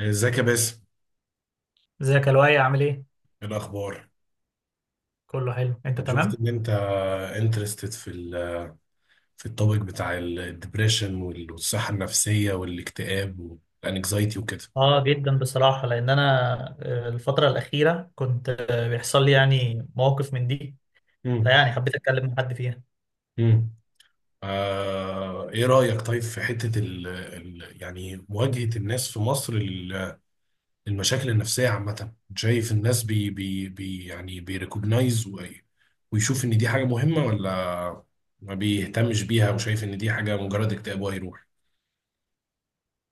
ازيك يا باسم، ازيك يا لؤي، عامل ايه؟ ايه الاخبار؟ كله حلو، انت شفت تمام؟ ان انت انترستد في التوبيك بتاع الدبريشن والصحه النفسيه والاكتئاب والانكزايتي وكده. اه جدا بصراحة، لأن أنا الفترة الأخيرة كنت بيحصل لي يعني مواقف من دي، امم. فيعني حبيت أتكلم مع حد فيها. امم. ايه رايك طيب في حته ال ال يعني مواجهه الناس في مصر للمشاكل النفسيه عامه؟ شايف الناس بي بي بي يعني بيريكوجنايز ويشوف ان دي حاجه مهمه، ولا ما بيهتمش بيها وشايف ان دي حاجه مجرد اكتئاب وهيروح؟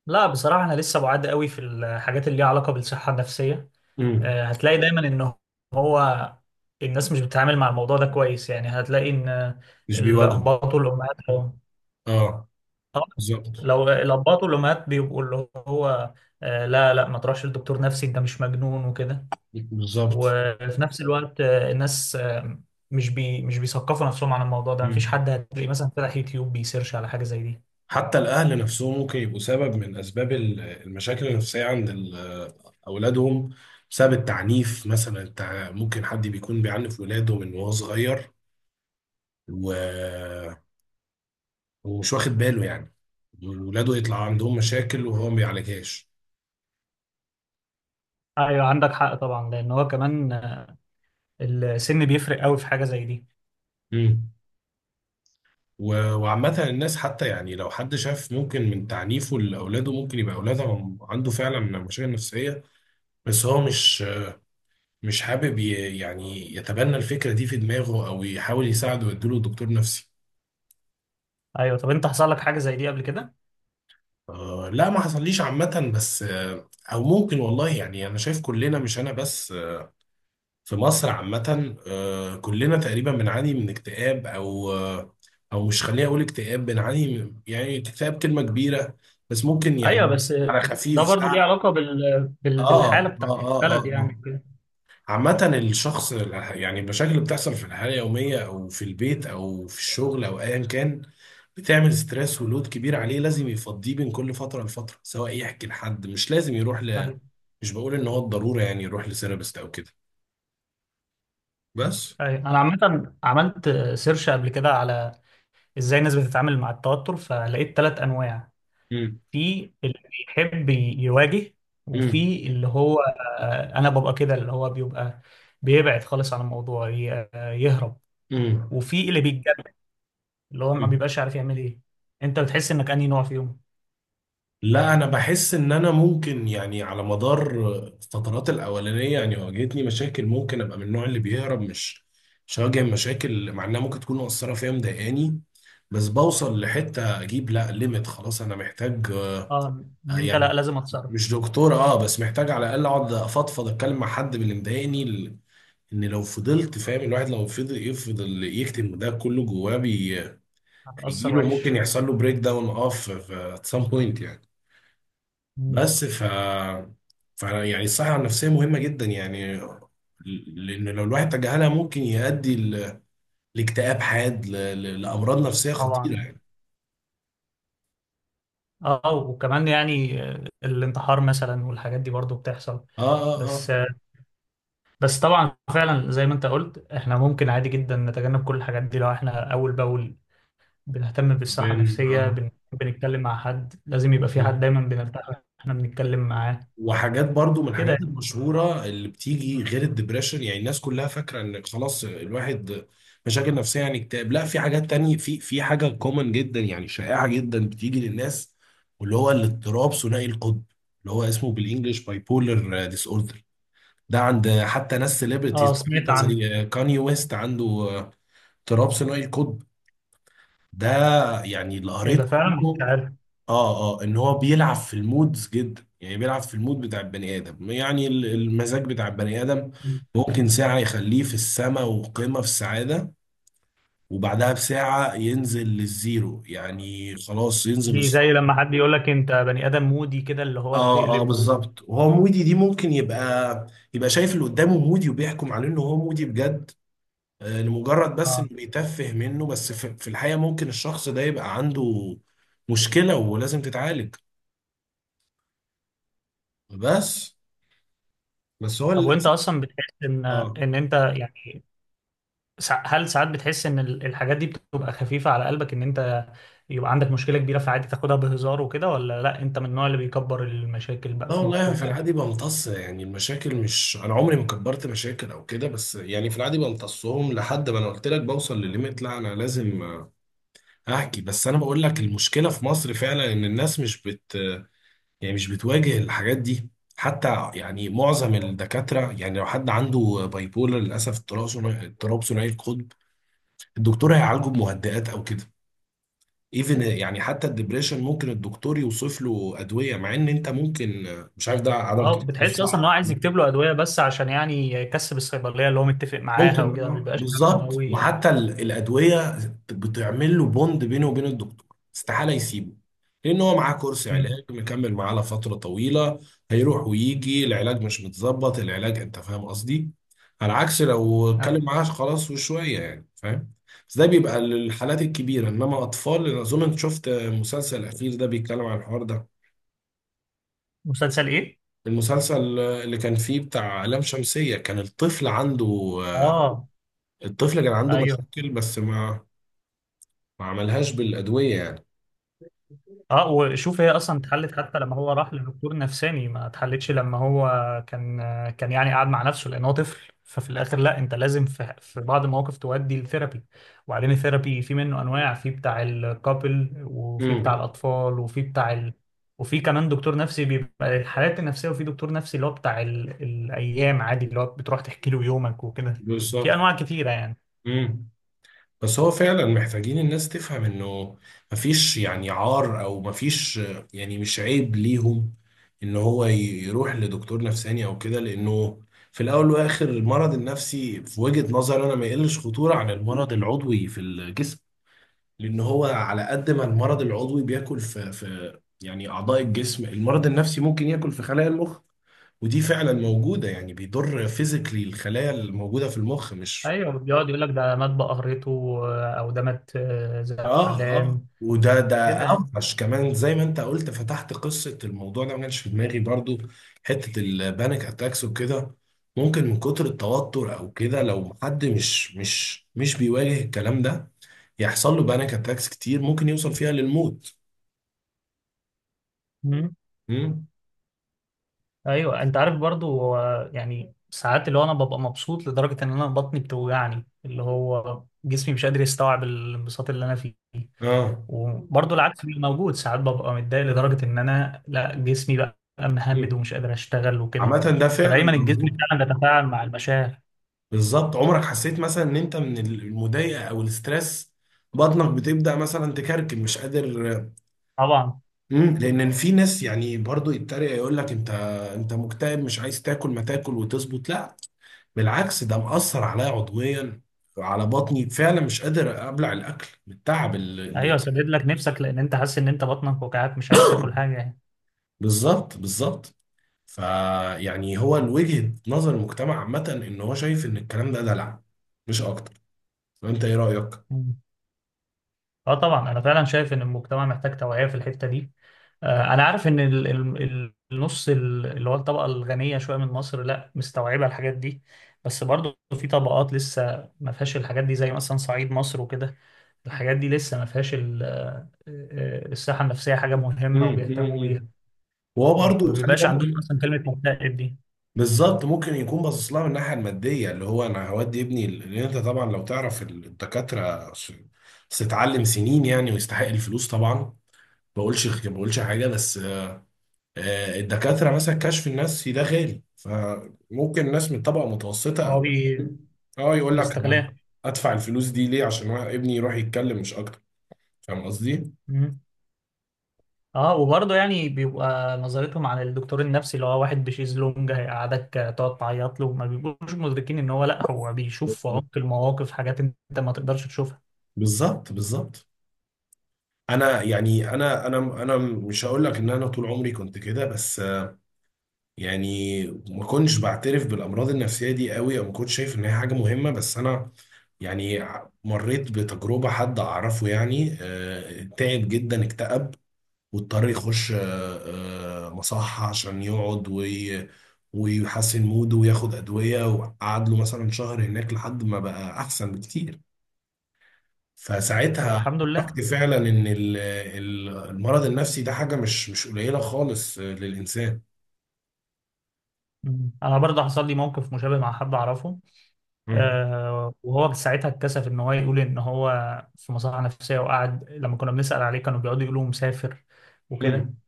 لا بصراحة أنا لسه بعاد قوي في الحاجات اللي ليها علاقة بالصحة النفسية، امم. هتلاقي دايما إن هو الناس مش بتتعامل مع الموضوع ده كويس، يعني هتلاقي إن مش بيواجهه. الآباء والأمهات لو اه. آه، بالظبط. لو الآباء والأمهات بيبقوا اللي هو لا لا، ما تروحش لدكتور نفسي، أنت مش مجنون وكده، بالظبط. وفي نفس الوقت الناس مش بيثقفوا نفسهم عن الموضوع ده، مفيش مم. حد هتلاقيه مثلا فتح يوتيوب بيسيرش على حاجة زي دي. حتى الأهل نفسهم ممكن يبقوا سبب من أسباب المشاكل النفسية عند أولادهم، بسبب التعنيف مثلا. ممكن حد بيكون بيعنف ولاده من وهو صغير، و... ومش واخد باله يعني ولاده يطلع عندهم مشاكل وهو ما بيعالجهاش. ايوه عندك حق طبعا، لان هو كمان السن بيفرق قوي في حاجة زي دي. مم. وعامة الناس حتى، يعني لو حد شاف ممكن من تعنيفه لأولاده ممكن يبقى أولاده عنده فعلا مشاكل نفسية، بس هو مش حابب يعني يتبنى الفكرة دي في دماغه أو يحاول يساعده ويديله دكتور نفسي. ايوه، طب انت حصل لك حاجة زي دي قبل كده؟ لا، ما حصليش عامة، بس أو ممكن، والله يعني أنا شايف كلنا، مش أنا بس. في مصر عامة، كلنا تقريبا بنعاني من اكتئاب، أو أو مش، خليني أقول اكتئاب. بنعاني يعني اكتئاب كلمة كبيرة، بس ممكن ايوه يعني بس على خفيف ده برضو ليه سهل. علاقة آه بالحالة آه بتاعت آه آه, البلد يعني آه. كده. عامة الشخص، يعني المشاكل اللي بتحصل في الحياة اليومية أو في البيت أو في الشغل أو أيا كان، بتعمل ستريس ولود كبير عليه. لازم يفضيه بين كل فترة لفترة، سواء يحكي لحد. مش لازم يروح ايوه. مش بقول إن هو الضرورة يعني يروح لسيرابست أو كده، بس. أيوة. انا عامة عملت سيرش قبل كده على ازاي الناس بتتعامل مع التوتر، فلقيت ثلاث انواع. امم. في اللي بيحب يواجه، امم. وفي اللي هو انا ببقى كده، اللي هو بيبقى بيبعد خالص عن الموضوع يهرب، امم. وفي اللي بيتجنن اللي هو ما بيبقاش عارف يعمل ايه. انت بتحس انك انهي نوع فيهم؟ لا، انا بحس ان انا ممكن يعني على مدار الفترات الاولانيه، يعني واجهتني مشاكل ممكن ابقى من النوع اللي بيهرب. مش هواجه مشاكل، مع انها ممكن تكون مؤثره فيا مضايقاني، بس بوصل لحته اجيب لا ليميت، خلاص انا محتاج. اه، ان انت يعني لا لازم اتصرف. مش دكتور، اه، بس محتاج على الاقل اقعد افضفض، اتكلم مع حد من اللي مضايقني. ان لو فضلت فاهم، الواحد لو فضل يفضل يكتم ده كله جواه هتأثر هيجيله. ممكن وحش. يحصل له بريك داون، at some point يعني. مم. بس ف يعني الصحة النفسية مهمة جدا، يعني لأن لو الواحد تجاهلها ممكن يؤدي لاكتئاب حاد، لأمراض نفسية خطيرة طبعا. يعني. اه وكمان يعني الانتحار مثلا والحاجات دي برضو بتحصل. اه. اه. اه. بس بس طبعا فعلا زي ما انت قلت احنا ممكن عادي جدا نتجنب كل الحاجات دي لو احنا اول باول بنهتم بالصحة بن النفسية، اه بنتكلم مع حد، لازم يبقى في بالظبط. حد دايما بنرتاح واحنا بنتكلم معاه. وحاجات برضو من كده الحاجات يعني. المشهورة اللي بتيجي غير الدبريشن، يعني الناس كلها فاكرة ان خلاص الواحد مشاكل نفسية يعني اكتئاب. لا، في حاجات تانية، في حاجة كومن جدا يعني شائعة جدا بتيجي للناس، واللي هو الاضطراب ثنائي القطب. اللي هو اسمه بالانجلش باي بولر ديس اوردر. ده عند حتى ناس اه سيلبرتيز، سمعت عن. زي كاني ويست، عنده اضطراب ثنائي القطب ده. يعني اللي ايه ده، قريته فعلا مش عنه، عارف. اه، اه، ان هو بيلعب في المودز جدا، يعني بيلعب في المود بتاع البني ادم، يعني المزاج بتاع البني ادم. ممكن ساعة يخليه في السماء وقمة في السعادة، وبعدها بساعة ينزل للزيرو، يعني خلاص ينزل دي زي لما حد يقول لك انت بني ادم مودي كده، اللي هو اه، اه، بتقلب و... بالظبط. وهو مودي، دي ممكن يبقى يبقى شايف اللي قدامه مودي وبيحكم عليه ان هو مودي بجد، لمجرد بس اه، انه بيتفه منه، بس في في الحقيقة ممكن الشخص ده يبقى عنده مشكلة ولازم تتعالج. بس، بس هو طب وانت للأسف. اصلا بتحس ان اه. ان انت يعني هل ساعات بتحس ان الحاجات دي بتبقى خفيفة على قلبك، ان انت يبقى عندك مشكلة كبيرة فعادي تاخدها بهزار وكده، ولا لا انت من النوع اللي بيكبر المشاكل بقى لا، في مخه والله في وكده؟ العادي بمتص يعني المشاكل، مش انا عمري ما كبرت مشاكل او كده، بس يعني في العادي بمتصهم لحد ما، انا قلت لك، بوصل لليميت. لا، انا لازم احكي. بس انا بقول لك المشكله في مصر فعلا ان الناس مش بت يعني مش بتواجه الحاجات دي. حتى يعني معظم الدكاتره، يعني لو حد عنده بايبولر للاسف، اضطراب ثنائي، اضطراب ثنائي القطب، الدكتور هيعالجه بمهدئات او كده. ايفن يعني حتى الدبريشن ممكن الدكتور يوصف له ادويه، مع ان انت ممكن مش عارف ده عدم اه، تشخيص بتحسش اصلا ان هو صح. عايز يكتب له ادويه بس عشان يعني يكسب الصيدليه اللي هو متفق معاها ممكن، وكده، ما اه، بيبقاش فاهمه بالظبط. قوي. وحتى الادويه بتعمل له بوند بينه وبين الدكتور، استحاله يسيبه لان هو معاه كورس أمم. علاج مكمل معاه لفتره طويله. هيروح ويجي، العلاج مش متظبط، العلاج، انت فاهم قصدي؟ على عكس لو اتكلم أيوة. معاه خلاص وشويه، يعني فاهم. بس ده بيبقى للحالات الكبيره، انما اطفال. أنا اظن انت شفت المسلسل الاخير ده بيتكلم عن الحوار ده. مسلسل ايه؟ المسلسل اللي كان فيه بتاع لام شمسيه، كان الطفل عنده، آه، اه. الطفل كان عنده ايوه. مشاكل، بس ما عملهاش بالأدوية يعني. اه، وشوف هي اصلا اتحلت؟ حتى لما هو راح لدكتور نفساني ما اتحلتش، لما هو كان كان يعني قاعد مع نفسه لان هو طفل، ففي الاخر لا انت لازم في بعض المواقف تودي الثيرابي. وبعدين الثيرابي في منه انواع، في بتاع الكابل وفي بتاع امم. الاطفال وفي كمان دكتور نفسي بيبقى الحالات النفسيه، وفي دكتور نفسي اللي هو بتاع الايام عادي اللي هو بتروح تحكي له يومك وكده. في بالظبط. انواع كتيره يعني. امم. بس هو فعلا محتاجين الناس تفهم انه مفيش يعني عار، او مفيش، يعني مش عيب ليهم ان هو يروح لدكتور نفساني او كده، لانه في الاول والاخر المرض النفسي في وجهة نظري انا ما يقلش خطورة عن المرض العضوي في الجسم. لان هو على قد ما المرض العضوي بياكل في يعني اعضاء الجسم، المرض النفسي ممكن ياكل في خلايا المخ، ودي فعلا موجودة، يعني بيضر فيزيكلي الخلايا الموجودة في المخ، مش. ايوه، بيقعد يقول لك ده مات بقهرته، او ده مات اه، اه، زعلان وده كده يعني. اوحش كمان، زي ما انت قلت، فتحت قصة الموضوع ده ما كانش في دماغي برضو، حتة البانيك اتاكس وكده. ممكن من كتر التوتر او كده، لو حد مش بيواجه الكلام ده، يحصل له بانيك اتاكس كتير، ممكن يوصل فيها للموت. مم. امم. ايوه، انت عارف برضو هو يعني ساعات اللي هو انا ببقى مبسوط لدرجه ان انا بطني بتوجعني، اللي هو جسمي مش قادر يستوعب الانبساط اللي انا فيه. اه. وبرضو العكس بيبقى موجود ساعات، ببقى متضايق لدرجه ان انا لا جسمي بقى مهمد مم. ومش قادر اشتغل وكده. عامة ده فعلا فدايما الجسم موجود. فعلا بيتفاعل مع المشاعر. بالظبط. عمرك حسيت مثلا ان انت من المضايقه او الاسترس بطنك بتبدا مثلا تكركب، مش قادر؟ طبعا. مم. لان في ناس يعني برضو يتريق، يقول لك انت مكتئب، مش عايز تاكل، ما تاكل وتظبط. لا، بالعكس، ده مأثر عليا عضويا، على بطني فعلا مش قادر ابلع الاكل من التعب ايوه، اللي سدد لك نفسك لان انت حاسس ان انت بطنك وجعاك، مش عايز تاكل حاجه. بالظبط، بالظبط. فيعني هو وجهة نظر المجتمع عامه ان هو شايف ان الكلام ده دلع، مش اكتر. وانت ايه رأيك؟ يعني اه، طبعا انا فعلا شايف ان المجتمع محتاج توعية في الحتة دي. انا عارف ان النص اللي هو الطبقة الغنية شوية من مصر لا، مستوعبة الحاجات دي، بس برضو في طبقات لسه ما فيهاش الحاجات دي زي مثلا صعيد مصر وكده. الحاجات دي لسه ما فيهاش الصحة النفسية حاجة مهمة مم. وبيهتموا بيها. مم. وهو ما برضو خلي بيبقاش بالك. عندهم اصلا كلمة مكتئب دي. بالظبط، ممكن يكون باصص لها من الناحيه الماديه، اللي هو انا هودي ابني، لان انت طبعا لو تعرف الدكاتره، ستعلم سنين يعني، ويستحق الفلوس طبعا. ما بقولش حاجه، بس الدكاتره مثلا كشف النفسي ده غالي، فممكن الناس من طبقه متوسطه هو او، اه، يقول لك انا بيستغلها. ادفع الفلوس دي ليه عشان ابني يروح يتكلم مش اكتر، فاهم قصدي؟ اه، وبرضه يعني بيبقى نظرتهم عن الدكتور النفسي اللي هو واحد بشيز لونج، هيقعدك تقعد تعيط له، ما بيبقوش مدركين ان هو لا، هو بيشوف في عمق المواقف حاجات انت ما تقدرش تشوفها. بالظبط، بالظبط. انا يعني انا مش هقول لك ان انا طول عمري كنت كده، بس يعني ما كنتش بعترف بالامراض النفسيه دي قوي، او ما كنتش شايف ان هي حاجه مهمه، بس انا يعني مريت بتجربه حد اعرفه، يعني تعب جدا، اكتئب، واضطر يخش مصحه عشان يقعد ويحسن موده وياخد ادويه، وقعد له مثلا شهر هناك لحد ما بقى احسن بكتير. طب فساعتها الحمد لله. عرفت فعلا ان المرض النفسي ده حاجه مش قليله خالص، للانسان. مم. انا برضه حصل لي موقف مشابه مع حد اعرفه، مم. وهو ساعتها اتكسف ان هو يقول ان هو في مصحة نفسية، وقعد لما كنا بنسأل عليه كانوا بيقعدوا يقولوا مسافر وكده، مم.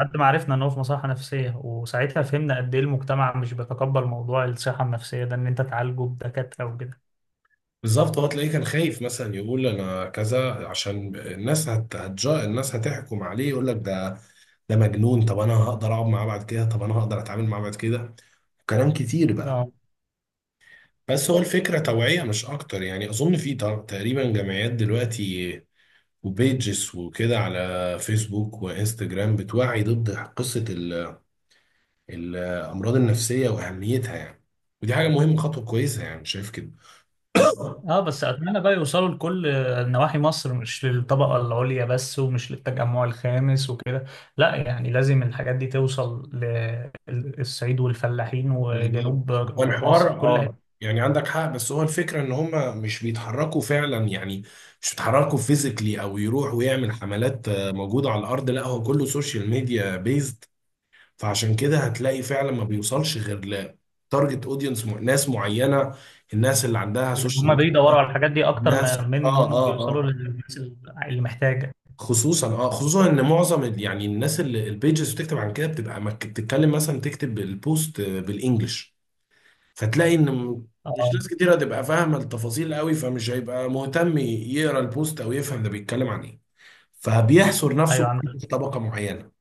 لحد ما عرفنا ان هو في مصحة نفسية. وساعتها فهمنا قد ايه المجتمع مش بيتقبل موضوع الصحة النفسية ده، ان انت تعالجه بدكاترة وكده. بالظبط. هو تلاقيه كان خايف مثلا يقول انا كذا عشان الناس الناس هتحكم عليه. يقول لك ده، ده مجنون، طب انا هقدر اقعد معاه بعد كده، طب انا هقدر اتعامل معاه بعد كده، كلام كتير بقى. اه بس هو الفكره توعيه مش اكتر، يعني اظن في تقريبا جمعيات دلوقتي وبيجز وكده على فيسبوك وانستجرام بتوعي ضد قصه الامراض النفسيه واهميتها يعني. ودي حاجه مهمه، خطوه كويسه يعني شايف كده. اه. بس اتمنى بقى يوصلوا لكل نواحي مصر، مش للطبقه العليا بس ومش للتجمع الخامس وكده، لا يعني لازم الحاجات دي توصل للصعيد والفلاحين وجنوب بالظبط. هو الحوار، مصر، كل حته. يعني عندك حق، بس هو الفكره ان هم مش بيتحركوا فعلا، يعني مش بيتحركوا فيزيكلي او يروح ويعمل حملات موجوده على الارض. لا، هو كله سوشيال ميديا بيزد. فعشان كده هتلاقي فعلا ما بيوصلش غير لتارجت اودينس، ناس معينه، الناس اللي عندها سوشيال هم بيدوروا على ميديا. الحاجات دي اكتر الناس ما من إن اه هم اه بيوصلوا اه للناس اللي محتاجه. خصوصا ان معظم يعني الناس اللي البيجز بتكتب عن كده، بتبقى بتتكلم مثلا تكتب البوست بالانجلش، فتلاقي ان مش اه. ناس كتير هتبقى فاهمه التفاصيل قوي، فمش هيبقى مهتم يقرا البوست او يفهم ده بيتكلم عن ايه، فبيحصر نفسه ايوه عندك. في طبقه معينه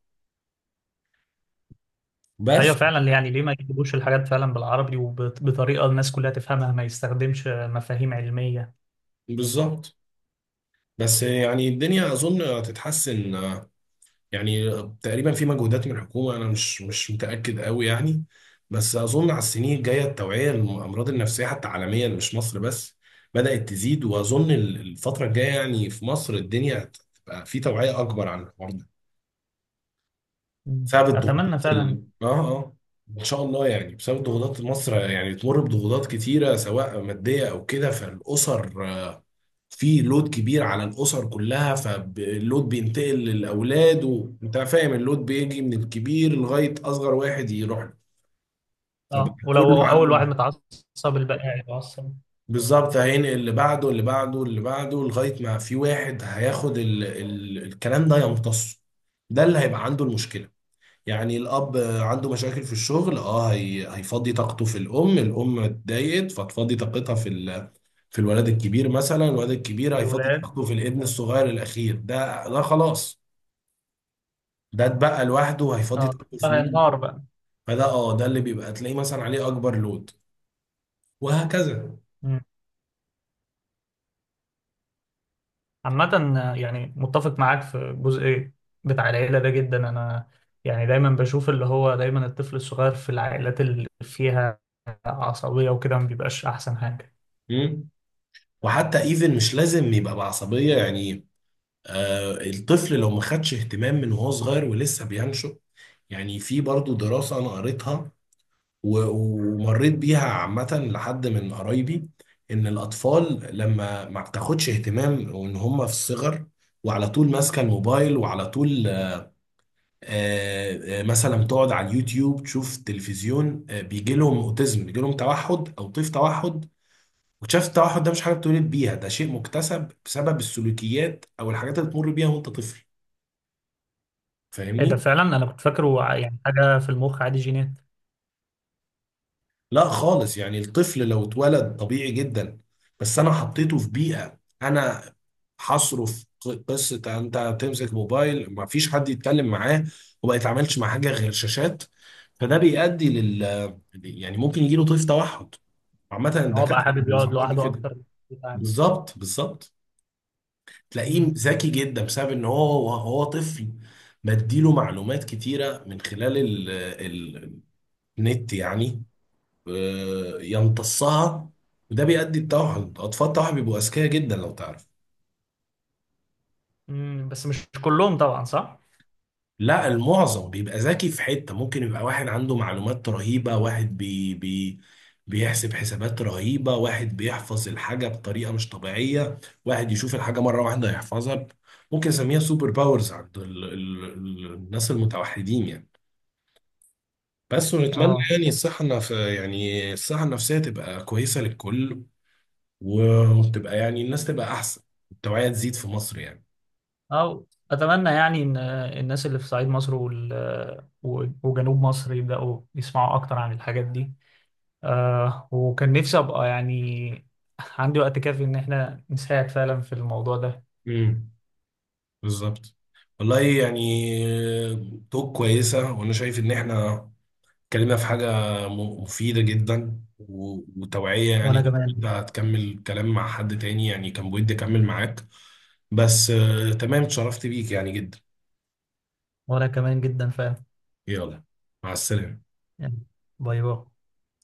ايوه بس. فعلا، يعني ليه ما يجيبوش الحاجات فعلا بالعربي وبطريقه الناس كلها تفهمها، ما يستخدمش مفاهيم علميه. بالظبط. بس يعني الدنيا اظن هتتحسن، يعني تقريبا في مجهودات من الحكومه، انا مش متاكد قوي يعني، بس اظن على السنين الجايه التوعيه للامراض النفسيه حتى عالميا، مش مصر بس، بدات تزيد، واظن الفتره الجايه يعني في مصر الدنيا هتبقى في توعيه اكبر عن الحوار ده، مم. بسبب اتمنى الضغوطات فعلا. ال... اه اه ان شاء الله. يعني بسبب الضغوطات مصر يعني تمر بضغوطات كتيره سواء ماديه او كده، فالاسر في لود كبير على الاسر كلها، فاللود بينتقل للاولاد، وانت فاهم اللود بيجي من الكبير لغايه اصغر واحد يروح له، فبقى اه، كله ولو اول واحد عنده. متعصب الباقي هيتعصب. بالظبط، هينقل اللي بعده اللي بعده اللي بعده لغايه ما في واحد هياخد الكلام ده يمتصه، ده اللي هيبقى عنده المشكله. يعني الأب عنده مشاكل في الشغل، هيفضي طاقته في الأم، الأم اتضايقت فتفضي طاقتها في في الولد الكبير مثلا، الولد الكبير هيفضي الولاد. طاقته في الابن الصغير الأخير ده خلاص ده اتبقى لوحده هيفضي اه، طاقته ده في مين؟ هينهار بقى. فده اه ده اللي بيبقى تلاقيه مثلا عليه أكبر لود، وهكذا. مم. عامة يعني متفق معاك في الجزء بتاع العيلة ده جدا، انا يعني دايما بشوف اللي هو دايما الطفل الصغير في العائلات اللي فيها عصبية وكده، ما بيبقاش احسن حاجة. مم. وحتى ايفن مش لازم يبقى بعصبية يعني. الطفل لو ما خدش اهتمام من وهو صغير ولسه بينشأ، يعني في برضو دراسة أنا قريتها ومريت بيها عامة لحد من قرايبي، إن الأطفال لما ما بتاخدش اهتمام وإن هم في الصغر، وعلى طول ماسكة الموبايل وعلى طول، مثلا تقعد على اليوتيوب تشوف تلفزيون، بيجي لهم أوتيزم، بيجي لهم توحد أو طيف توحد. وشاف التوحد ده مش حاجة بتولد بيها، ده شيء مكتسب بسبب السلوكيات أو الحاجات اللي بتمر بيها وأنت طفل. ايه ده، فاهمني؟ فعلا انا كنت فاكره يعني حاجة في المخ عادي، جينات. لا خالص، يعني الطفل لو اتولد طبيعي جدا، بس انا حطيته في بيئة انا هصرف قصة انت تمسك موبايل، ما فيش حد يتكلم معاه وما يتعاملش مع حاجة غير شاشات، فده بيؤدي لل، يعني ممكن يجيله طيف توحد. عامة ان هو بقى الدكاترة ما حابب يقعد بينصحوش لوحده بكده. اكتر بتاع. بالظبط، بالظبط. تلاقيه مم. ذكي جدا بسبب ان هو هو طفل بديله معلومات كتيرة من خلال ال- النت يعني، يمتصها. وده بيؤدي التوحد. اطفال التوحد بيبقوا اذكياء جدا لو تعرف. مم. بس مش كلهم طبعا، صح؟ لا، المعظم بيبقى ذكي في حتة، ممكن يبقى واحد عنده معلومات رهيبة، واحد بي بي بيحسب حسابات رهيبة، واحد بيحفظ الحاجة بطريقة مش طبيعية، واحد يشوف الحاجة مرة واحدة يحفظها. ممكن نسميها سوبر باورز عند ال ال ال الناس المتوحدين يعني. بس ونتمنى اه. يعني الصحة النف... يعني الصحة النفسية تبقى كويسة للكل، وتبقى يعني الناس تبقى احسن، التوعية تزيد في مصر يعني. أو أتمنى يعني إن الناس اللي في صعيد مصر وجنوب مصر يبدأوا يسمعوا أكتر عن الحاجات دي. وكان نفسي أبقى يعني عندي وقت كافي إن إحنا نساعد فعلا في الموضوع ده. امم. بالظبط. والله يعني توك كويسة، وانا شايف ان احنا اتكلمنا في حاجة مفيدة جدا وتوعية يعني. وانا كمان. انت هتكمل كلام مع حد تاني، يعني كان بودي اكمل معاك، بس تمام، اتشرفت بيك يعني جدا. وانا كمان جدا فعلا. يلا، مع السلامة. يعني. باي باي.